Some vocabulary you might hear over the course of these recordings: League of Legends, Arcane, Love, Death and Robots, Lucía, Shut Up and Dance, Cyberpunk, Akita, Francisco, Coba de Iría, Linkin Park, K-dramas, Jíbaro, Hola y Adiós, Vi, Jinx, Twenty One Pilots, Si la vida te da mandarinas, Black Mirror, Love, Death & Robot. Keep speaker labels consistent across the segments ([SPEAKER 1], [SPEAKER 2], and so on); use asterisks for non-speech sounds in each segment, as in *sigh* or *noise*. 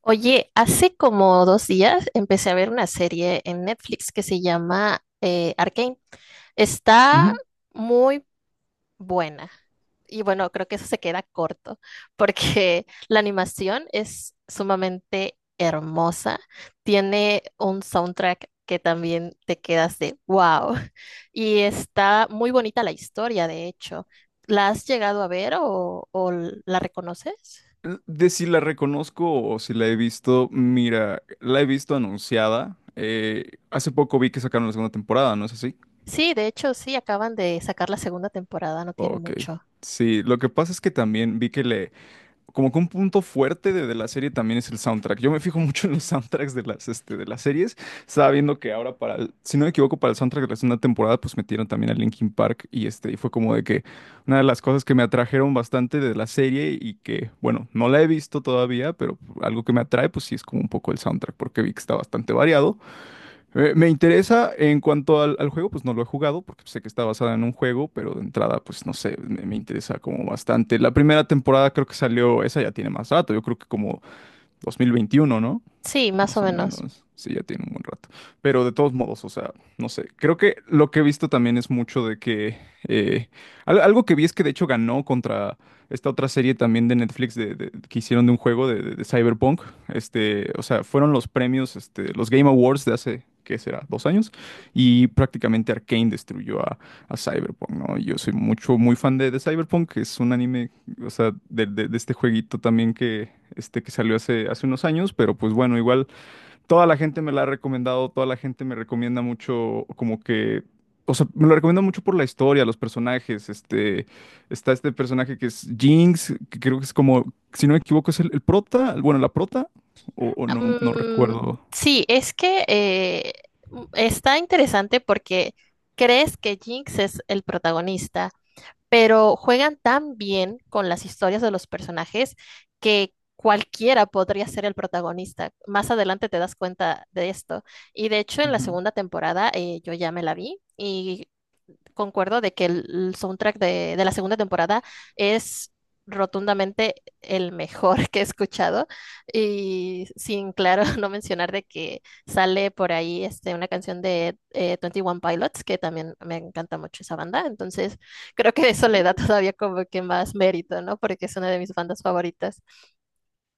[SPEAKER 1] Oye, hace como 2 días empecé a ver una serie en Netflix que se llama Arcane. Está
[SPEAKER 2] Ujú.
[SPEAKER 1] muy buena. Y bueno, creo que eso se queda corto porque *laughs* la animación es sumamente hermosa. Tiene un soundtrack que también te quedas de wow. *laughs* Y está muy bonita la historia, de hecho. ¿La has llegado a ver o la reconoces?
[SPEAKER 2] De si la reconozco o si la he visto, mira, la he visto anunciada. Hace poco vi que sacaron la segunda temporada, ¿no es así?
[SPEAKER 1] Sí, de hecho, sí, acaban de sacar la segunda temporada, no tiene
[SPEAKER 2] Ok.
[SPEAKER 1] mucho.
[SPEAKER 2] Sí, lo que pasa es que también vi que como que un punto fuerte de la serie también es el soundtrack. Yo me fijo mucho en los *laughs* soundtracks de las series. Estaba viendo que ahora si no me equivoco, para el soundtrack de la segunda temporada, pues metieron también a Linkin Park y este, y fue como de que una de las cosas que me atrajeron bastante de la serie y que, bueno, no la he visto todavía, pero algo que me atrae, pues sí es como un poco el soundtrack, porque vi que está bastante variado. Me interesa en cuanto al juego, pues no lo he jugado porque sé que está basada en un juego, pero de entrada, pues no sé, me interesa como bastante. La primera temporada creo que salió, esa ya tiene más rato, yo creo que como 2021, ¿no?
[SPEAKER 1] Sí, más o
[SPEAKER 2] Más o
[SPEAKER 1] menos.
[SPEAKER 2] menos, sí, ya tiene un buen rato. Pero de todos modos, o sea, no sé, creo que lo que he visto también es mucho de que… eh, algo que vi es que de hecho ganó contra esta otra serie también de Netflix que hicieron de un juego de Cyberpunk. Este, o sea, fueron los premios, este, los Game Awards de hace, ¿qué será? 2 años. Y prácticamente Arcane destruyó a Cyberpunk, ¿no? Yo soy mucho, muy fan de Cyberpunk, que es un anime, o sea, de este jueguito también que… Este que salió hace unos años, pero pues bueno, igual toda la gente me la ha recomendado, toda la gente me recomienda mucho, como que, o sea, me lo recomienda mucho por la historia, los personajes, este, está este personaje que es Jinx, que creo que es como, si no me equivoco, es el prota, bueno, la prota, o no, no
[SPEAKER 1] Mm,
[SPEAKER 2] recuerdo.
[SPEAKER 1] sí, es que está interesante porque crees que Jinx es el protagonista, pero juegan tan bien con las historias de los personajes que cualquiera podría ser el protagonista. Más adelante te das cuenta de esto. Y de hecho, en la
[SPEAKER 2] Ujú.
[SPEAKER 1] segunda temporada yo ya me la vi y concuerdo de que el soundtrack de la segunda temporada es rotundamente el mejor *laughs* que he escuchado y sin claro *laughs* no mencionar de que sale por ahí este, una canción de twenty One Pilots, que también me encanta mucho esa banda. Entonces creo que eso le da *laughs* todavía como que más mérito, ¿no? Porque es una de mis bandas favoritas.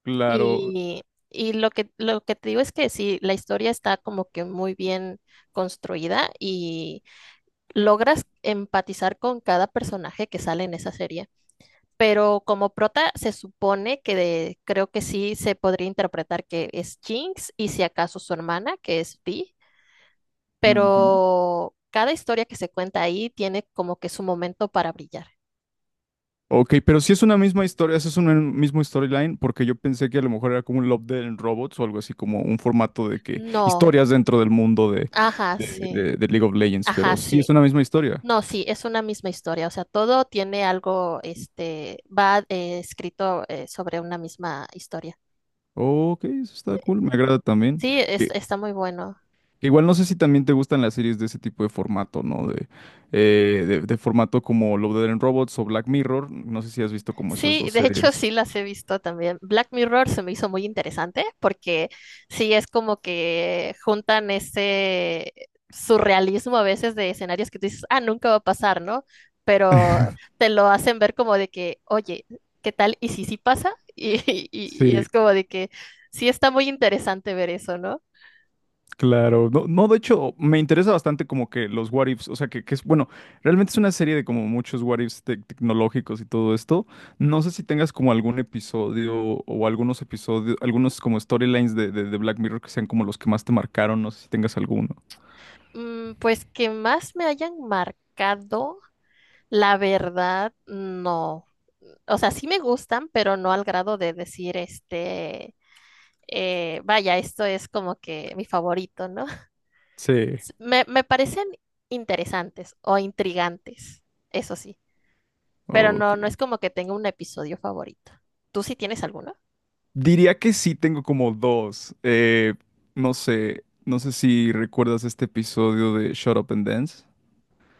[SPEAKER 2] Claro.
[SPEAKER 1] Y, y lo que te digo es que sí, la historia está como que muy bien construida y logras empatizar con cada personaje que sale en esa serie. Pero como prota se supone que creo que sí se podría interpretar que es Jinx y si acaso su hermana, que es Vi,
[SPEAKER 2] Ujú.
[SPEAKER 1] pero cada historia que se cuenta ahí tiene como que su momento para brillar.
[SPEAKER 2] Ok, pero si es una misma historia, si es un mismo storyline, porque yo pensé que a lo mejor era como un Love Dead and Robots o algo así, como un formato de que
[SPEAKER 1] No,
[SPEAKER 2] historias dentro del mundo de,
[SPEAKER 1] ajá,
[SPEAKER 2] de
[SPEAKER 1] sí,
[SPEAKER 2] de- de League of Legends,
[SPEAKER 1] ajá,
[SPEAKER 2] pero sí es
[SPEAKER 1] sí.
[SPEAKER 2] una misma historia.
[SPEAKER 1] No, sí, es una misma historia, o sea, todo tiene algo, este, va escrito sobre una misma historia.
[SPEAKER 2] Ok, eso está cool, me agrada también.
[SPEAKER 1] Sí,
[SPEAKER 2] Que,
[SPEAKER 1] está muy bueno.
[SPEAKER 2] que igual no sé si también te gustan las series de ese tipo de formato, ¿no? De formato como Love, Death and Robots o Black Mirror. No sé si has visto como esas
[SPEAKER 1] Sí,
[SPEAKER 2] dos
[SPEAKER 1] de hecho sí
[SPEAKER 2] series.
[SPEAKER 1] las he visto también. Black Mirror se me hizo muy interesante porque sí es como que juntan ese surrealismo a veces de escenarios que tú dices, ah, nunca va a pasar, ¿no? Pero te lo hacen ver como de que, oye, ¿qué tal? ¿Y si sí pasa? *laughs* Y, y
[SPEAKER 2] Sí,
[SPEAKER 1] es como de que sí está muy interesante ver eso, ¿no?
[SPEAKER 2] claro. No, no, de hecho, me interesa bastante como que los what ifs, o sea, que es, bueno, realmente es una serie de como muchos what ifs tecnológicos y todo esto. No sé si tengas como algún episodio o algunos episodios, algunos como storylines de Black Mirror que sean como los que más te marcaron, no sé si tengas alguno.
[SPEAKER 1] Mm, pues que más me hayan marcado. La verdad, no. O sea, sí me gustan, pero no al grado de decir, este, vaya, esto es como que mi favorito, ¿no? *laughs*
[SPEAKER 2] Sí.
[SPEAKER 1] Me parecen interesantes o intrigantes, eso sí, pero
[SPEAKER 2] Ok.
[SPEAKER 1] no es como que tenga un episodio favorito. ¿Tú sí tienes alguno?
[SPEAKER 2] Diría que sí tengo como dos. No sé si recuerdas este episodio de Shut Up and Dance,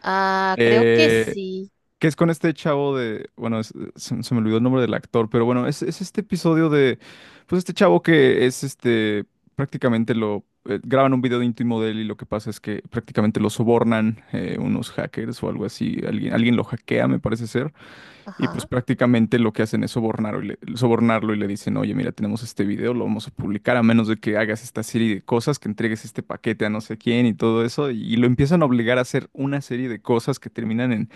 [SPEAKER 1] Ah, creo que
[SPEAKER 2] eh,
[SPEAKER 1] sí.
[SPEAKER 2] que es con este chavo de, bueno, se me olvidó el nombre del actor, pero bueno, es este episodio de, pues este chavo que es este, prácticamente lo, graban un video íntimo de él y lo que pasa es que prácticamente lo sobornan unos hackers o algo así, alguien lo hackea, me parece ser. Y
[SPEAKER 1] Ajá.
[SPEAKER 2] pues prácticamente lo que hacen es sobornarlo sobornarlo y le dicen, oye, mira, tenemos este video, lo vamos a publicar a menos de que hagas esta serie de cosas, que entregues este paquete a no sé quién y todo eso. Y lo empiezan a obligar a hacer una serie de cosas que terminan en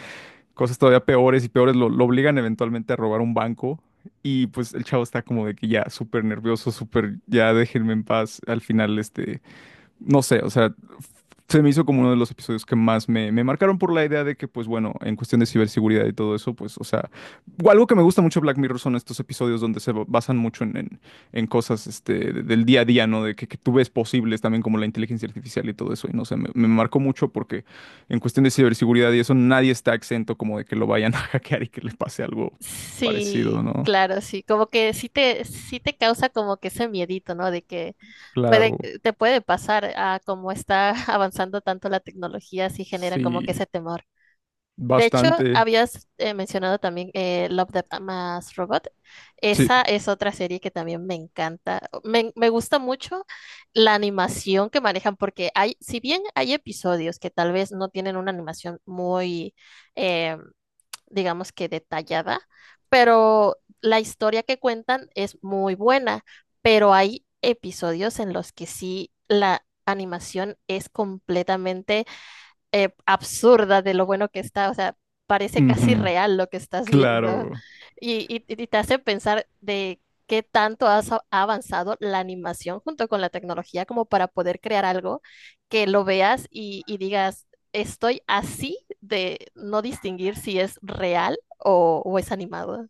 [SPEAKER 2] cosas todavía peores y peores. Lo obligan eventualmente a robar un banco. Y pues el chavo está como de que ya súper nervioso, súper, ya déjenme en paz. Al final, este, no sé, o sea, se me hizo como uno de los episodios que más me marcaron por la idea de que, pues bueno, en cuestión de ciberseguridad y todo eso, pues, o sea, algo que me gusta mucho de Black Mirror son estos episodios donde basan mucho en, en cosas este, del día a día, ¿no? De que tú ves posibles también como la inteligencia artificial y todo eso. Y no sé, me marcó mucho porque en cuestión de ciberseguridad y eso, nadie está exento como de que lo vayan a *laughs* hackear y que le pase algo
[SPEAKER 1] Sí,
[SPEAKER 2] parecido, ¿no?
[SPEAKER 1] claro, sí, como que sí te causa como que ese miedito, ¿no? De que puede,
[SPEAKER 2] Claro,
[SPEAKER 1] te puede pasar. A como está *laughs* avanzando tanto la tecnología, sí genera como que
[SPEAKER 2] sí,
[SPEAKER 1] ese temor. De hecho,
[SPEAKER 2] bastante.
[SPEAKER 1] habías mencionado también Love, Death Mas Robot.
[SPEAKER 2] Sí,
[SPEAKER 1] Esa es otra serie que también me encanta. Me gusta mucho la animación que manejan, porque hay, si bien hay episodios que tal vez no tienen una animación muy, em, digamos que detallada, pero la historia que cuentan es muy buena, pero hay episodios en los que sí la animación es completamente absurda de lo bueno que está, o sea, parece casi
[SPEAKER 2] ujú,
[SPEAKER 1] real lo que estás viendo
[SPEAKER 2] claro.
[SPEAKER 1] y te hace pensar de qué tanto ha avanzado la animación junto con la tecnología como para poder crear algo que lo veas y digas, estoy así de no distinguir si es real o es animado.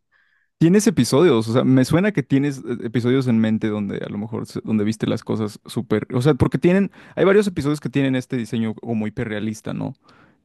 [SPEAKER 2] Tienes episodios, o sea, me suena que tienes episodios en mente donde a lo mejor donde viste las cosas súper, o sea, porque tienen, hay varios episodios que tienen este diseño como hiperrealista, ¿no?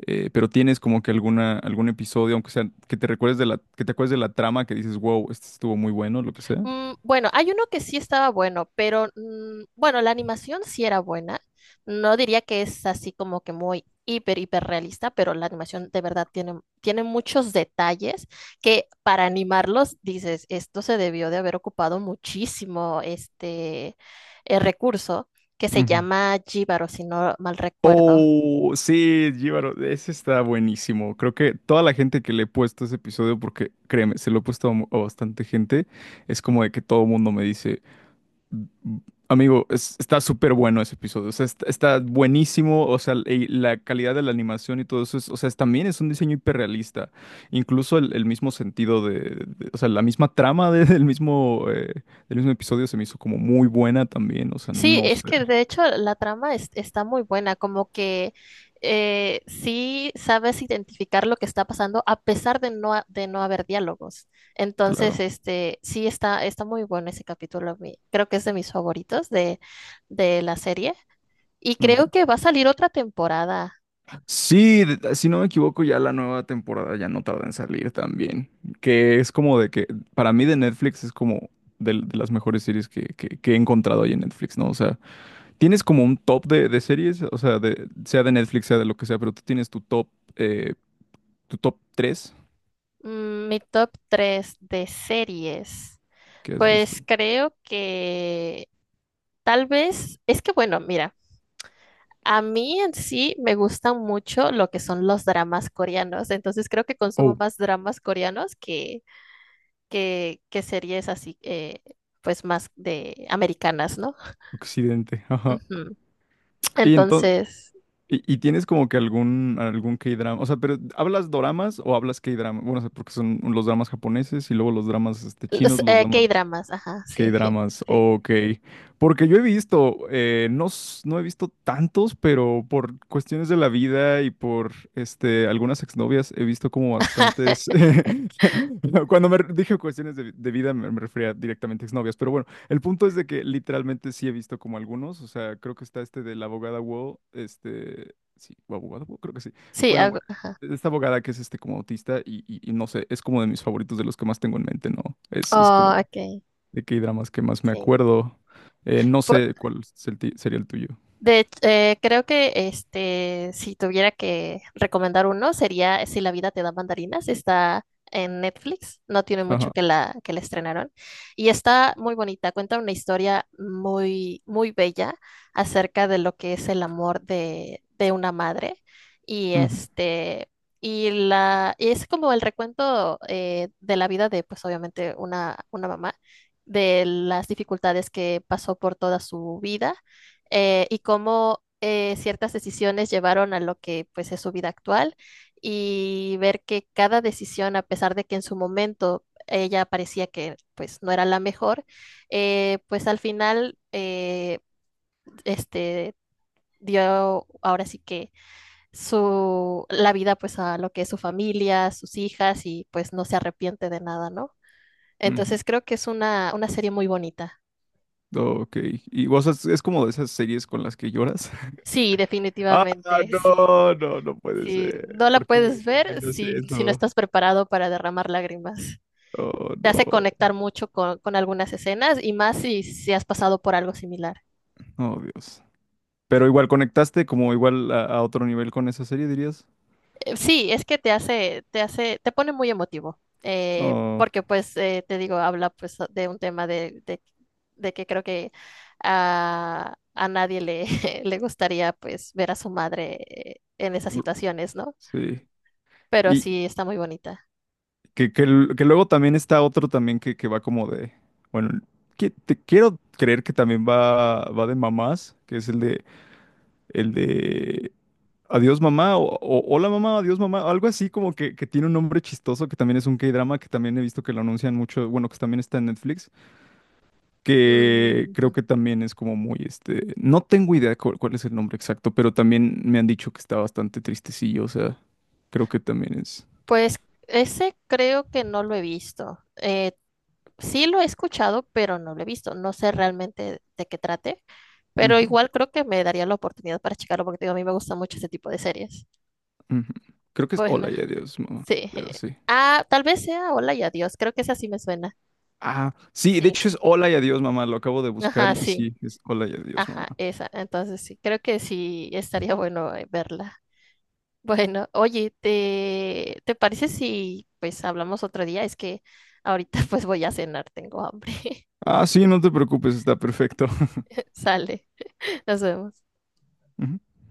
[SPEAKER 2] Pero tienes como que alguna, algún episodio, aunque sea que te recuerdes de que te acuerdes de la trama, que dices, wow, este estuvo muy bueno, lo que sea.
[SPEAKER 1] Mm, bueno, hay uno que sí estaba bueno, pero bueno, la animación sí era buena. No diría que es así como que muy hiper, hiper realista, pero la animación de verdad tiene muchos detalles que para animarlos dices, esto se debió de haber ocupado muchísimo este recurso que se
[SPEAKER 2] Ujú.
[SPEAKER 1] llama Jíbaro, si no mal recuerdo.
[SPEAKER 2] Oh, sí, Jíbaro, ese está buenísimo. Creo que toda la gente que le he puesto ese episodio, porque créeme, se lo he puesto a, a bastante gente, es como de que todo el mundo me dice: "Mm, amigo, está súper bueno ese episodio, o sea, está buenísimo, o sea, y la calidad de la animación y todo eso, o sea, también es un diseño hiperrealista, incluso el mismo sentido o sea, la misma trama del mismo episodio se me hizo como muy buena también, o sea,
[SPEAKER 1] Sí,
[SPEAKER 2] no
[SPEAKER 1] es
[SPEAKER 2] sé,
[SPEAKER 1] que de hecho la trama está muy buena, como que sí sabes identificar lo que está pasando a pesar de de no haber diálogos. Entonces,
[SPEAKER 2] claro".
[SPEAKER 1] este, sí está muy bueno ese capítulo. A Creo que es de mis favoritos de la serie. Y creo que va a salir otra temporada.
[SPEAKER 2] Sí, si no me equivoco, ya la nueva temporada ya no tarda en salir también. Que es como de que, para mí de Netflix es como de las mejores series que, que he encontrado ahí en Netflix, ¿no? O sea, tienes como un top de series, o sea de Netflix, sea de lo que sea, pero tú tienes eh, tu top tres
[SPEAKER 1] Mm, mi top 3 de series.
[SPEAKER 2] que has visto.
[SPEAKER 1] Pues creo que tal vez, es que bueno, mira. A mí en sí me gustan mucho lo que son los dramas coreanos, entonces creo que consumo
[SPEAKER 2] Oh,
[SPEAKER 1] más dramas coreanos que series así, pues más de americanas, ¿no?
[SPEAKER 2] Occidente, ajá.
[SPEAKER 1] Ujú.
[SPEAKER 2] Y entonces,
[SPEAKER 1] Entonces,
[SPEAKER 2] y tienes como que algún, K-drama, o sea, pero ¿hablas doramas o hablas K-drama? Bueno, o sea, porque son los dramas japoneses y luego los dramas este, chinos,
[SPEAKER 1] los,
[SPEAKER 2] los dramas…
[SPEAKER 1] K-dramas, ajá, sí, *laughs*
[SPEAKER 2] K-dramas,
[SPEAKER 1] sí,
[SPEAKER 2] ok. Porque yo he visto, no, no he visto tantos, pero por cuestiones de la vida y por este, algunas exnovias he visto como bastantes. *laughs* Cuando dije cuestiones de vida me refería directamente a exnovias, pero bueno, el punto es de que literalmente sí he visto como algunos, o sea, creo que está este de la abogada Wall, este, sí, abogada Wall, creo que sí.
[SPEAKER 1] sí,
[SPEAKER 2] Bueno,
[SPEAKER 1] ajá.
[SPEAKER 2] bueno, esta abogada que es este como autista y no sé, es como de mis favoritos, de los que más tengo en mente, ¿no? Es como
[SPEAKER 1] Oh, ok,
[SPEAKER 2] de K-dramas que más me
[SPEAKER 1] sí.
[SPEAKER 2] acuerdo. No sé cuál es sería el tuyo.
[SPEAKER 1] Creo que este, si tuviera que recomendar uno, sería Si la vida te da mandarinas. Está en Netflix, no tiene mucho
[SPEAKER 2] Ajá.
[SPEAKER 1] que la estrenaron. Y está muy bonita, cuenta una historia muy, muy bella acerca de lo que es el amor de una madre. Y
[SPEAKER 2] Ujú,
[SPEAKER 1] este, y es como el recuento de la vida de, pues obviamente, una mamá, de las dificultades que pasó por toda su vida y cómo ciertas decisiones llevaron a lo que pues es su vida actual y ver que cada decisión, a pesar de que en su momento ella parecía que pues no era la mejor, pues al final este dio ahora sí que su la vida pues a lo que es su familia, sus hijas, y pues no se arrepiente de nada, ¿no?
[SPEAKER 2] ujú.
[SPEAKER 1] Entonces creo que es una serie muy bonita.
[SPEAKER 2] Ok. ¿Y vos es como de esas series con las que lloras? *laughs*
[SPEAKER 1] Sí,
[SPEAKER 2] Ah,
[SPEAKER 1] definitivamente, sí.
[SPEAKER 2] no, no, no puede
[SPEAKER 1] Si
[SPEAKER 2] ser.
[SPEAKER 1] no la
[SPEAKER 2] ¿Por qué me
[SPEAKER 1] puedes ver,
[SPEAKER 2] recomiendas
[SPEAKER 1] si no
[SPEAKER 2] eso?
[SPEAKER 1] estás preparado para derramar lágrimas.
[SPEAKER 2] Oh,
[SPEAKER 1] Te hace
[SPEAKER 2] no.
[SPEAKER 1] conectar mucho con algunas escenas, y más si has pasado por algo similar.
[SPEAKER 2] Oh, Dios. Pero igual conectaste como igual a otro nivel con esa serie, dirías.
[SPEAKER 1] Sí, es que te hace, te pone muy emotivo,
[SPEAKER 2] Oh,
[SPEAKER 1] porque pues te digo, habla pues de un tema de que creo que a nadie le, *laughs* le gustaría pues ver a su madre en esas situaciones, ¿no?
[SPEAKER 2] sí.
[SPEAKER 1] Pero
[SPEAKER 2] Y,
[SPEAKER 1] sí, está muy bonita.
[SPEAKER 2] que luego también está otro también que va como de, bueno, que te quiero creer que también va de mamás, que es el de Adiós mamá, o Hola mamá, adiós mamá, algo así como que tiene un nombre chistoso, que también es un K-drama, que también he visto que lo anuncian mucho, bueno, que también está en Netflix, que creo que también es como muy, este, no tengo idea cuál es el nombre exacto, pero también me han dicho que está bastante tristecillo, o sea, creo que también es.
[SPEAKER 1] Pues ese creo que no lo he visto. Sí lo he escuchado, pero no lo he visto. No sé realmente de qué trate, pero igual creo que me daría la oportunidad para checarlo, porque te digo, a mí me gusta mucho ese tipo de series.
[SPEAKER 2] Ujú. Creo que es
[SPEAKER 1] Bueno,
[SPEAKER 2] Hola y Adiós, mamá.
[SPEAKER 1] sí.
[SPEAKER 2] Pero
[SPEAKER 1] *laughs*
[SPEAKER 2] sí.
[SPEAKER 1] Ah, tal vez sea Hola y Adiós. Creo que esa sí me suena.
[SPEAKER 2] Ah, sí,
[SPEAKER 1] Sí.
[SPEAKER 2] de hecho es Hola y Adiós, mamá. Lo acabo de buscar
[SPEAKER 1] Ajá,
[SPEAKER 2] y
[SPEAKER 1] sí.
[SPEAKER 2] sí, es Hola y Adiós, mamá.
[SPEAKER 1] Ajá, esa. Entonces sí, creo que sí estaría bueno verla. Bueno, oye, ¿te parece si pues hablamos otro día? Es que ahorita
[SPEAKER 2] Ujú.
[SPEAKER 1] *laughs* pues voy a cenar, tengo hambre.
[SPEAKER 2] Ah, sí, no te preocupes, está perfecto. *laughs*
[SPEAKER 1] Sale. Nos vemos.
[SPEAKER 2] Ujú.